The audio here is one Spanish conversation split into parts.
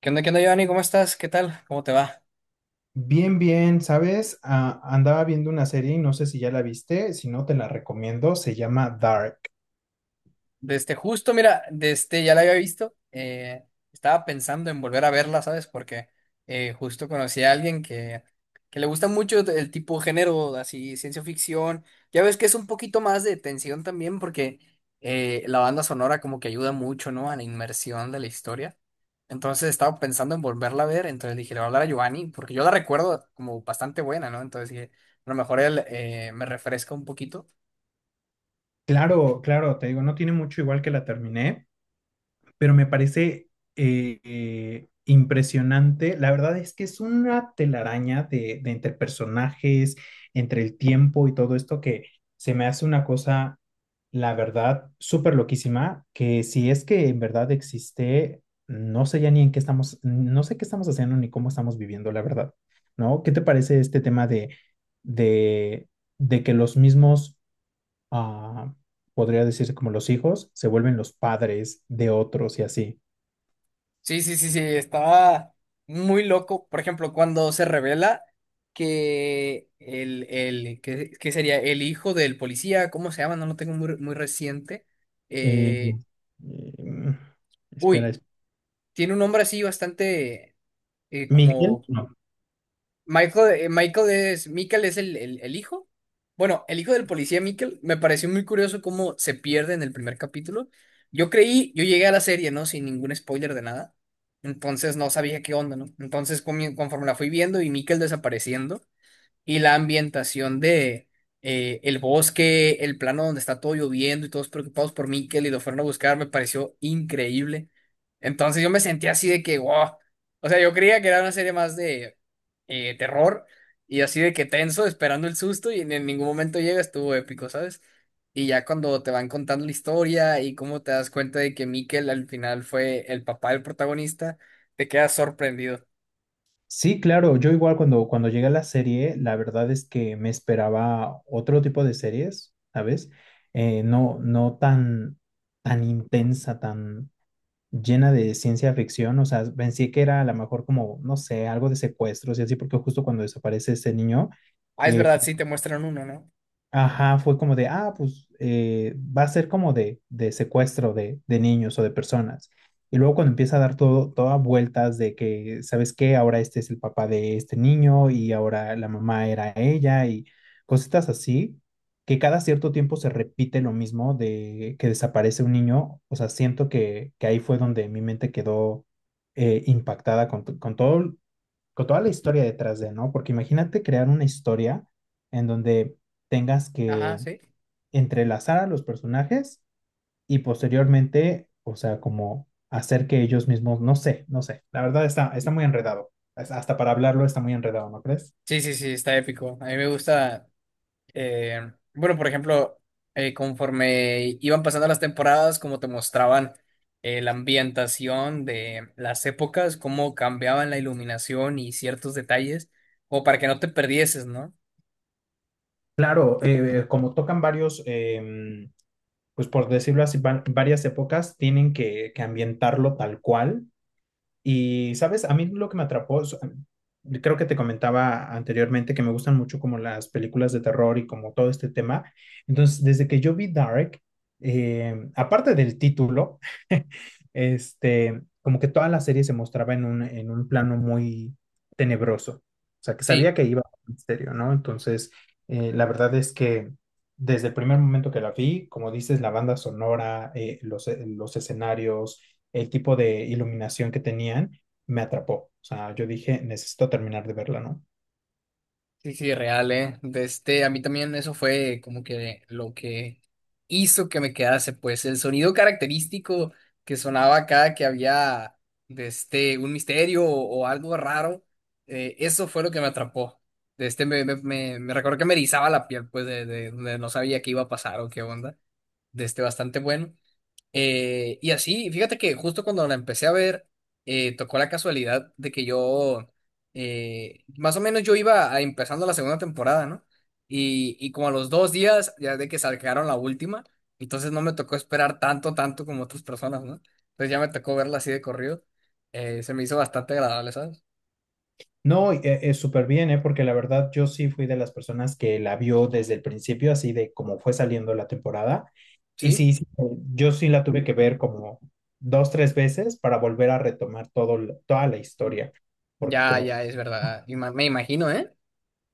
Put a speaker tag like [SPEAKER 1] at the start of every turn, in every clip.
[SPEAKER 1] Qué onda, Giovanni? ¿Cómo estás? ¿Qué tal? ¿Cómo te va?
[SPEAKER 2] Bien, bien, ¿sabes? Ah, andaba viendo una serie y no sé si ya la viste, si no te la recomiendo, se llama Dark.
[SPEAKER 1] Desde justo, mira, desde ya la había visto. Estaba pensando en volver a verla, ¿sabes? Porque justo conocí a alguien que le gusta mucho el tipo de género, así, ciencia ficción. Ya ves que es un poquito más de tensión también, porque la banda sonora como que ayuda mucho, ¿no? A la inmersión de la historia. Entonces estaba pensando en volverla a ver, entonces dije, le voy a hablar a Giovanni, porque yo la recuerdo como bastante buena, ¿no? Entonces dije, a lo mejor él me refresca un poquito.
[SPEAKER 2] Claro, claro, te digo, no tiene mucho igual que la terminé, pero me parece impresionante. La verdad es que es una telaraña de entre personajes, entre el tiempo y todo esto que se me hace una cosa, la verdad, súper loquísima, que si es que en verdad existe, no sé ya ni en qué estamos, no sé qué estamos haciendo ni cómo estamos viviendo, la verdad, ¿no? ¿Qué te parece este tema de, de que los mismos ah, podría decirse como los hijos, se vuelven los padres de otros y así.
[SPEAKER 1] Sí, sí, sí, sí, estaba muy loco. Por ejemplo, cuando se revela que el que sería el hijo del policía, ¿cómo se llama? No lo tengo muy, muy reciente.
[SPEAKER 2] Eh,
[SPEAKER 1] Eh,
[SPEAKER 2] em, espera,
[SPEAKER 1] Uy, tiene un nombre así bastante
[SPEAKER 2] Miguel,
[SPEAKER 1] como
[SPEAKER 2] no.
[SPEAKER 1] Michael. Michael es el hijo. Bueno, el hijo del policía Michael, me pareció muy curioso cómo se pierde en el primer capítulo. Yo creí, yo llegué a la serie, ¿no? Sin ningún spoiler de nada. Entonces no sabía qué onda, ¿no? Entonces conforme la fui viendo y Michael desapareciendo y la ambientación de el bosque, el plano donde está todo lloviendo y todos preocupados por Mikel y lo fueron a buscar, me pareció increíble. Entonces yo me sentía así de que, wow. O sea, yo creía que era una serie más de terror y así de que tenso, esperando el susto y en ningún momento llega, estuvo épico, ¿sabes? Y ya cuando te van contando la historia y cómo te das cuenta de que Mikel al final fue el papá del protagonista, te quedas sorprendido.
[SPEAKER 2] Sí, claro, yo igual cuando llegué a la serie, la verdad es que me esperaba otro tipo de series, ¿sabes? No, tan intensa, tan llena de ciencia ficción, o sea, pensé que era a lo mejor como, no sé, algo de secuestros y así, porque justo cuando desaparece ese niño,
[SPEAKER 1] Ah, es
[SPEAKER 2] eh,
[SPEAKER 1] verdad, sí te muestran uno, ¿no?
[SPEAKER 2] ajá, fue como de, ah, pues va a ser como de, secuestro de niños o de personas. Y luego cuando empieza a dar todas vueltas de que, ¿sabes qué? Ahora este es el papá de este niño y ahora la mamá era ella y cositas así, que cada cierto tiempo se repite lo mismo de que desaparece un niño. O sea, siento que ahí fue donde mi mente quedó impactada con todo, con toda la historia detrás de, ¿no? Porque imagínate crear una historia en donde tengas
[SPEAKER 1] Ajá,
[SPEAKER 2] que
[SPEAKER 1] sí.
[SPEAKER 2] entrelazar a los personajes y posteriormente, o sea, como hacer que ellos mismos, no sé, la verdad está muy enredado. Hasta para hablarlo está muy enredado, ¿no crees?
[SPEAKER 1] Sí, sí, sí, está épico. A mí me gusta, bueno, por ejemplo, conforme iban pasando las temporadas, como te mostraban la ambientación de las épocas, cómo cambiaban la iluminación y ciertos detalles, como para que no te perdieses, ¿no?
[SPEAKER 2] Claro, como tocan varios, pues por decirlo así, varias épocas, tienen que ambientarlo tal cual. Y, ¿sabes? A mí lo que me atrapó, creo que te comentaba anteriormente que me gustan mucho como las películas de terror y como todo este tema. Entonces, desde que yo vi Dark, aparte del título, este, como que toda la serie se mostraba en un plano muy tenebroso. O sea, que sabía
[SPEAKER 1] Sí.
[SPEAKER 2] que iba a un misterio, ¿no? Entonces, la verdad es que desde el primer momento que la vi, como dices, la banda sonora, los escenarios, el tipo de iluminación que tenían me atrapó. O sea, yo dije, necesito terminar de verla, ¿no?
[SPEAKER 1] Sí, sí, real, ¿eh? De este, a mí también eso fue como que lo que hizo que me quedase, pues el sonido característico que sonaba cada que había de este, un misterio o algo raro, eso fue lo que me atrapó. De este, me recuerdo que me erizaba la piel, pues de no sabía qué iba a pasar o qué onda. De este, bastante bueno. Y así, fíjate que justo cuando la empecé a ver, tocó la casualidad de que yo, más o menos yo empezando la segunda temporada, ¿no? Y como a los dos días, ya de que sacaron la última, entonces no me tocó esperar tanto, tanto como otras personas, ¿no? Entonces ya me tocó verla así de corrido. Se me hizo bastante agradable, ¿sabes?
[SPEAKER 2] No, es súper bien, ¿eh? Porque la verdad yo sí fui de las personas que la vio desde el principio, así de como fue saliendo la temporada. Y
[SPEAKER 1] Sí,
[SPEAKER 2] sí, sí, yo sí la tuve que ver como dos, tres veces para volver a retomar todo, toda la historia. Porque
[SPEAKER 1] ya,
[SPEAKER 2] como
[SPEAKER 1] ya, es verdad. Me imagino, ¿eh?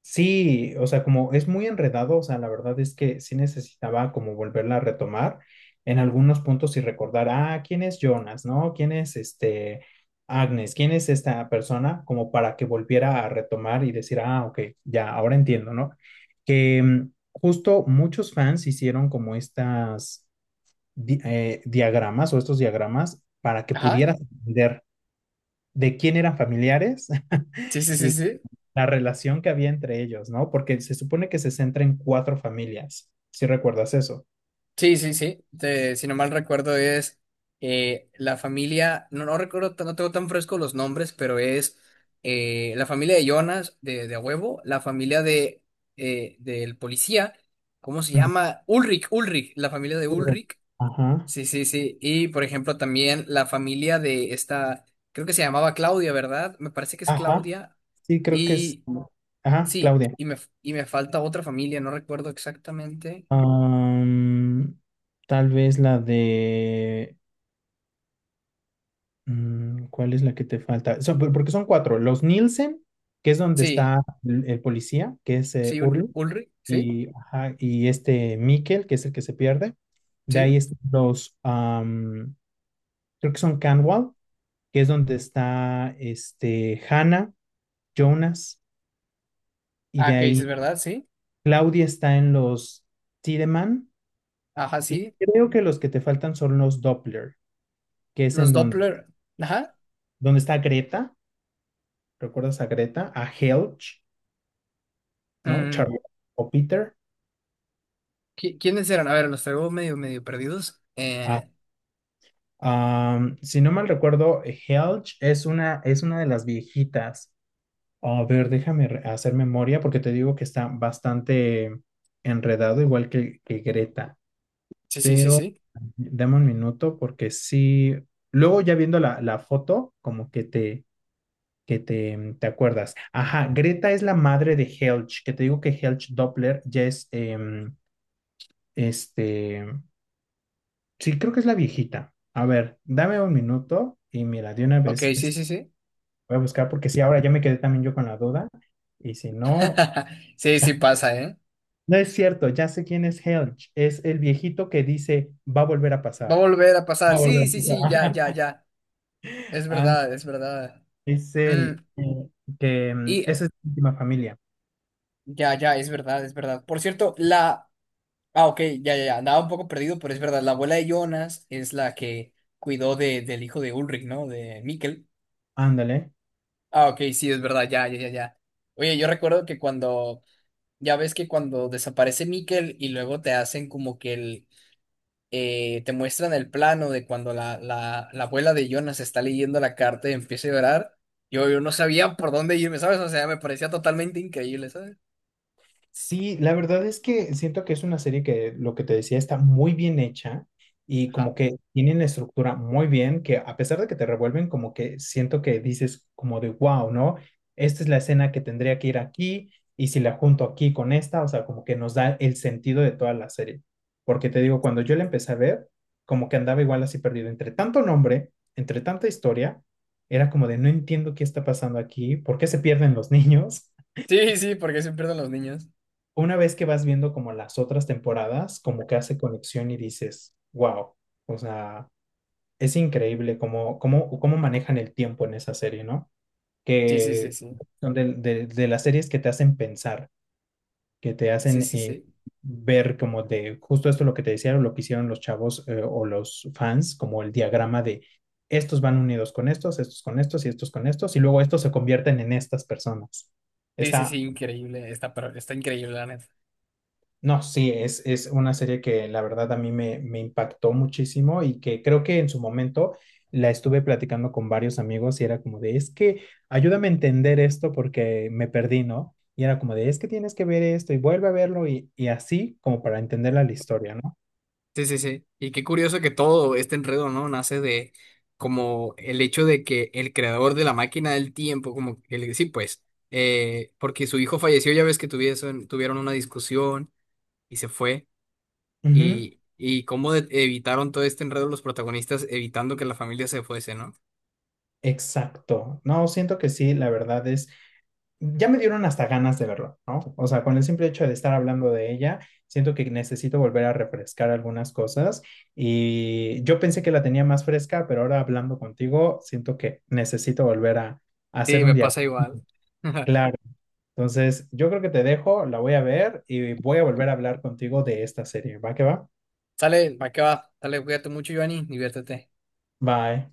[SPEAKER 2] sí, o sea, como es muy enredado, o sea, la verdad es que sí necesitaba como volverla a retomar en algunos puntos y recordar, ah, ¿quién es Jonas, no? ¿Quién es este Agnes? ¿Quién es esta persona? Como para que volviera a retomar y decir, ah, ok, ya, ahora entiendo, ¿no? Que mm, justo muchos fans hicieron como estas diagramas o estos diagramas para que
[SPEAKER 1] Ajá.
[SPEAKER 2] pudieras entender de quién eran familiares.
[SPEAKER 1] Sí, sí, sí,
[SPEAKER 2] Y
[SPEAKER 1] sí.
[SPEAKER 2] la relación que había entre ellos, ¿no? Porque se supone que se centra en cuatro familias, si recuerdas eso.
[SPEAKER 1] Sí, sí, sí. Si no mal recuerdo es la familia, no, no recuerdo, no tengo tan fresco los nombres, pero es la familia de Jonas, de a huevo, la familia de del policía, ¿cómo se llama? Ulrich, Ulrich, la familia de
[SPEAKER 2] Ujú.
[SPEAKER 1] Ulrich.
[SPEAKER 2] Ajá,
[SPEAKER 1] Sí, sí, sí. Y por ejemplo también la familia de esta, creo que se llamaba Claudia, ¿verdad? Me parece que es
[SPEAKER 2] ajá,
[SPEAKER 1] Claudia.
[SPEAKER 2] sí, creo que es.
[SPEAKER 1] Y
[SPEAKER 2] Ajá,
[SPEAKER 1] sí,
[SPEAKER 2] Claudia.
[SPEAKER 1] y me falta otra familia, no recuerdo exactamente.
[SPEAKER 2] Am, tal vez la de... mm, ¿cuál es la que te falta? Porque son cuatro. Los Nielsen, que es donde
[SPEAKER 1] Sí,
[SPEAKER 2] está el policía, que es
[SPEAKER 1] sí,
[SPEAKER 2] Urli,
[SPEAKER 1] Ulrich, ¿sí?
[SPEAKER 2] y, ajá, y este Mikkel, que es el que se pierde. De
[SPEAKER 1] Sí.
[SPEAKER 2] ahí están los... am, creo que son Canwall, que es donde está este, Hannah, Jonas, y de
[SPEAKER 1] Ah, que dices,
[SPEAKER 2] ahí
[SPEAKER 1] ¿verdad? Sí.
[SPEAKER 2] Claudia está en los Tiedemann,
[SPEAKER 1] Ajá,
[SPEAKER 2] y
[SPEAKER 1] sí.
[SPEAKER 2] creo que los que te faltan son los Doppler, que es
[SPEAKER 1] Los
[SPEAKER 2] en donde,
[SPEAKER 1] Doppler. Ajá.
[SPEAKER 2] donde está Greta, ¿recuerdas a Greta? A Helge, ¿no?
[SPEAKER 1] Mm,
[SPEAKER 2] Charlotte o Peter.
[SPEAKER 1] ¿Quiénes eran? A ver, los traigo medio, medio perdidos.
[SPEAKER 2] A, um, si no mal recuerdo, Helge es una de las viejitas. A ver, déjame hacer memoria porque te digo que está bastante enredado, igual que Greta.
[SPEAKER 1] Sí, sí, sí,
[SPEAKER 2] Pero
[SPEAKER 1] sí.
[SPEAKER 2] dame un minuto porque sí, luego ya viendo la foto, como te acuerdas. Ajá, Greta es la madre de Helge, que te digo que Helge Doppler ya es, este, sí, creo que es la viejita. A ver, dame un minuto y mira, de una
[SPEAKER 1] Ok,
[SPEAKER 2] vez
[SPEAKER 1] sí,
[SPEAKER 2] este,
[SPEAKER 1] sí, sí.
[SPEAKER 2] voy a buscar porque sí, ahora ya me quedé también yo con la duda. Y si no,
[SPEAKER 1] Sí, sí pasa, ¿eh?
[SPEAKER 2] no es cierto, ya sé quién es Helge, es el viejito que dice, va a volver a
[SPEAKER 1] Va a
[SPEAKER 2] pasar.
[SPEAKER 1] volver a
[SPEAKER 2] Va
[SPEAKER 1] pasar.
[SPEAKER 2] a volver
[SPEAKER 1] Sí, sí, sí, ya,
[SPEAKER 2] a
[SPEAKER 1] ya,
[SPEAKER 2] pasar.
[SPEAKER 1] ya. Es
[SPEAKER 2] Ajá.
[SPEAKER 1] verdad, es verdad.
[SPEAKER 2] Es
[SPEAKER 1] Mm,
[SPEAKER 2] el que mm,
[SPEAKER 1] y
[SPEAKER 2] esa es la última familia.
[SPEAKER 1] ya, ya, es verdad, es verdad. Por cierto, la... Ah, ok, ya, ya, ya. Andaba un poco perdido, pero es verdad. La abuela de Jonas es la que cuidó de, del hijo de Ulrich, ¿no? De Mikkel.
[SPEAKER 2] Ándale.
[SPEAKER 1] Ah, ok, sí, es verdad, ya, ya, ya, ya. Oye, yo recuerdo que cuando, ya ves que cuando desaparece Mikkel y luego te hacen como que el, te muestran el plano de cuando la abuela de Jonas está leyendo la carta y empieza a llorar, yo no sabía por dónde irme, ¿sabes? O sea, me parecía totalmente increíble, ¿sabes?
[SPEAKER 2] Sí, la verdad es que siento que es una serie que, lo que te decía, está muy bien hecha y como
[SPEAKER 1] Ajá.
[SPEAKER 2] que tienen la estructura muy bien, que a pesar de que te revuelven, como que siento que dices como de, wow, ¿no? Esta es la escena que tendría que ir aquí y si la junto aquí con esta, o sea, como que nos da el sentido de toda la serie. Porque te digo, cuando yo la empecé a ver, como que andaba igual así perdido, entre tanto nombre, entre tanta historia, era como de, no entiendo qué está pasando aquí, ¿por qué se pierden los niños?
[SPEAKER 1] Sí, sí, porque se pierden los niños.
[SPEAKER 2] Una vez que vas viendo como las otras temporadas, como que hace conexión y dices, wow, o sea, es increíble cómo manejan el tiempo en esa serie, ¿no?
[SPEAKER 1] Sí, sí, sí,
[SPEAKER 2] Que
[SPEAKER 1] sí.
[SPEAKER 2] son de las series que te hacen pensar, que te
[SPEAKER 1] Sí,
[SPEAKER 2] hacen
[SPEAKER 1] sí, sí.
[SPEAKER 2] ver como de justo esto lo que te decían o lo que hicieron los chavos o los fans, como el diagrama de estos van unidos con estos, estos con estos y estos con estos, y luego estos se convierten en estas personas.
[SPEAKER 1] Sí, sí, sí,
[SPEAKER 2] Está
[SPEAKER 1] increíble. Está, pero está increíble, la neta.
[SPEAKER 2] no, sí, es una serie que la verdad a me impactó muchísimo y que creo que en su momento la estuve platicando con varios amigos y era como de, es que ayúdame a entender esto porque me perdí, ¿no? Y era como de, es que tienes que ver esto y vuelve a verlo y así como para entender la historia, ¿no?
[SPEAKER 1] Sí, sí, sí. Y qué curioso que todo este enredo, ¿no? Nace de como el hecho de que el creador de la máquina del tiempo, sí, pues, porque su hijo falleció, ya ves que tuvieron una discusión y se fue,
[SPEAKER 2] Ujú,
[SPEAKER 1] y cómo evitaron todo este enredo los protagonistas evitando que la familia se fuese, ¿no?
[SPEAKER 2] exacto. No, siento que sí, la verdad es ya me dieron hasta ganas de verlo, ¿no? O sea, con el simple hecho de estar hablando de ella, siento que necesito volver a refrescar algunas cosas y yo pensé que la tenía más fresca, pero ahora hablando contigo, siento que necesito volver a hacer
[SPEAKER 1] Sí,
[SPEAKER 2] un
[SPEAKER 1] me
[SPEAKER 2] día
[SPEAKER 1] pasa igual.
[SPEAKER 2] claro. Entonces, yo creo que te dejo, la voy a ver y voy a volver a hablar contigo de esta serie. ¿Va que va?
[SPEAKER 1] Sale, ¿para qué va? Sale, cuídate mucho, Giovanni, diviértete.
[SPEAKER 2] Bye.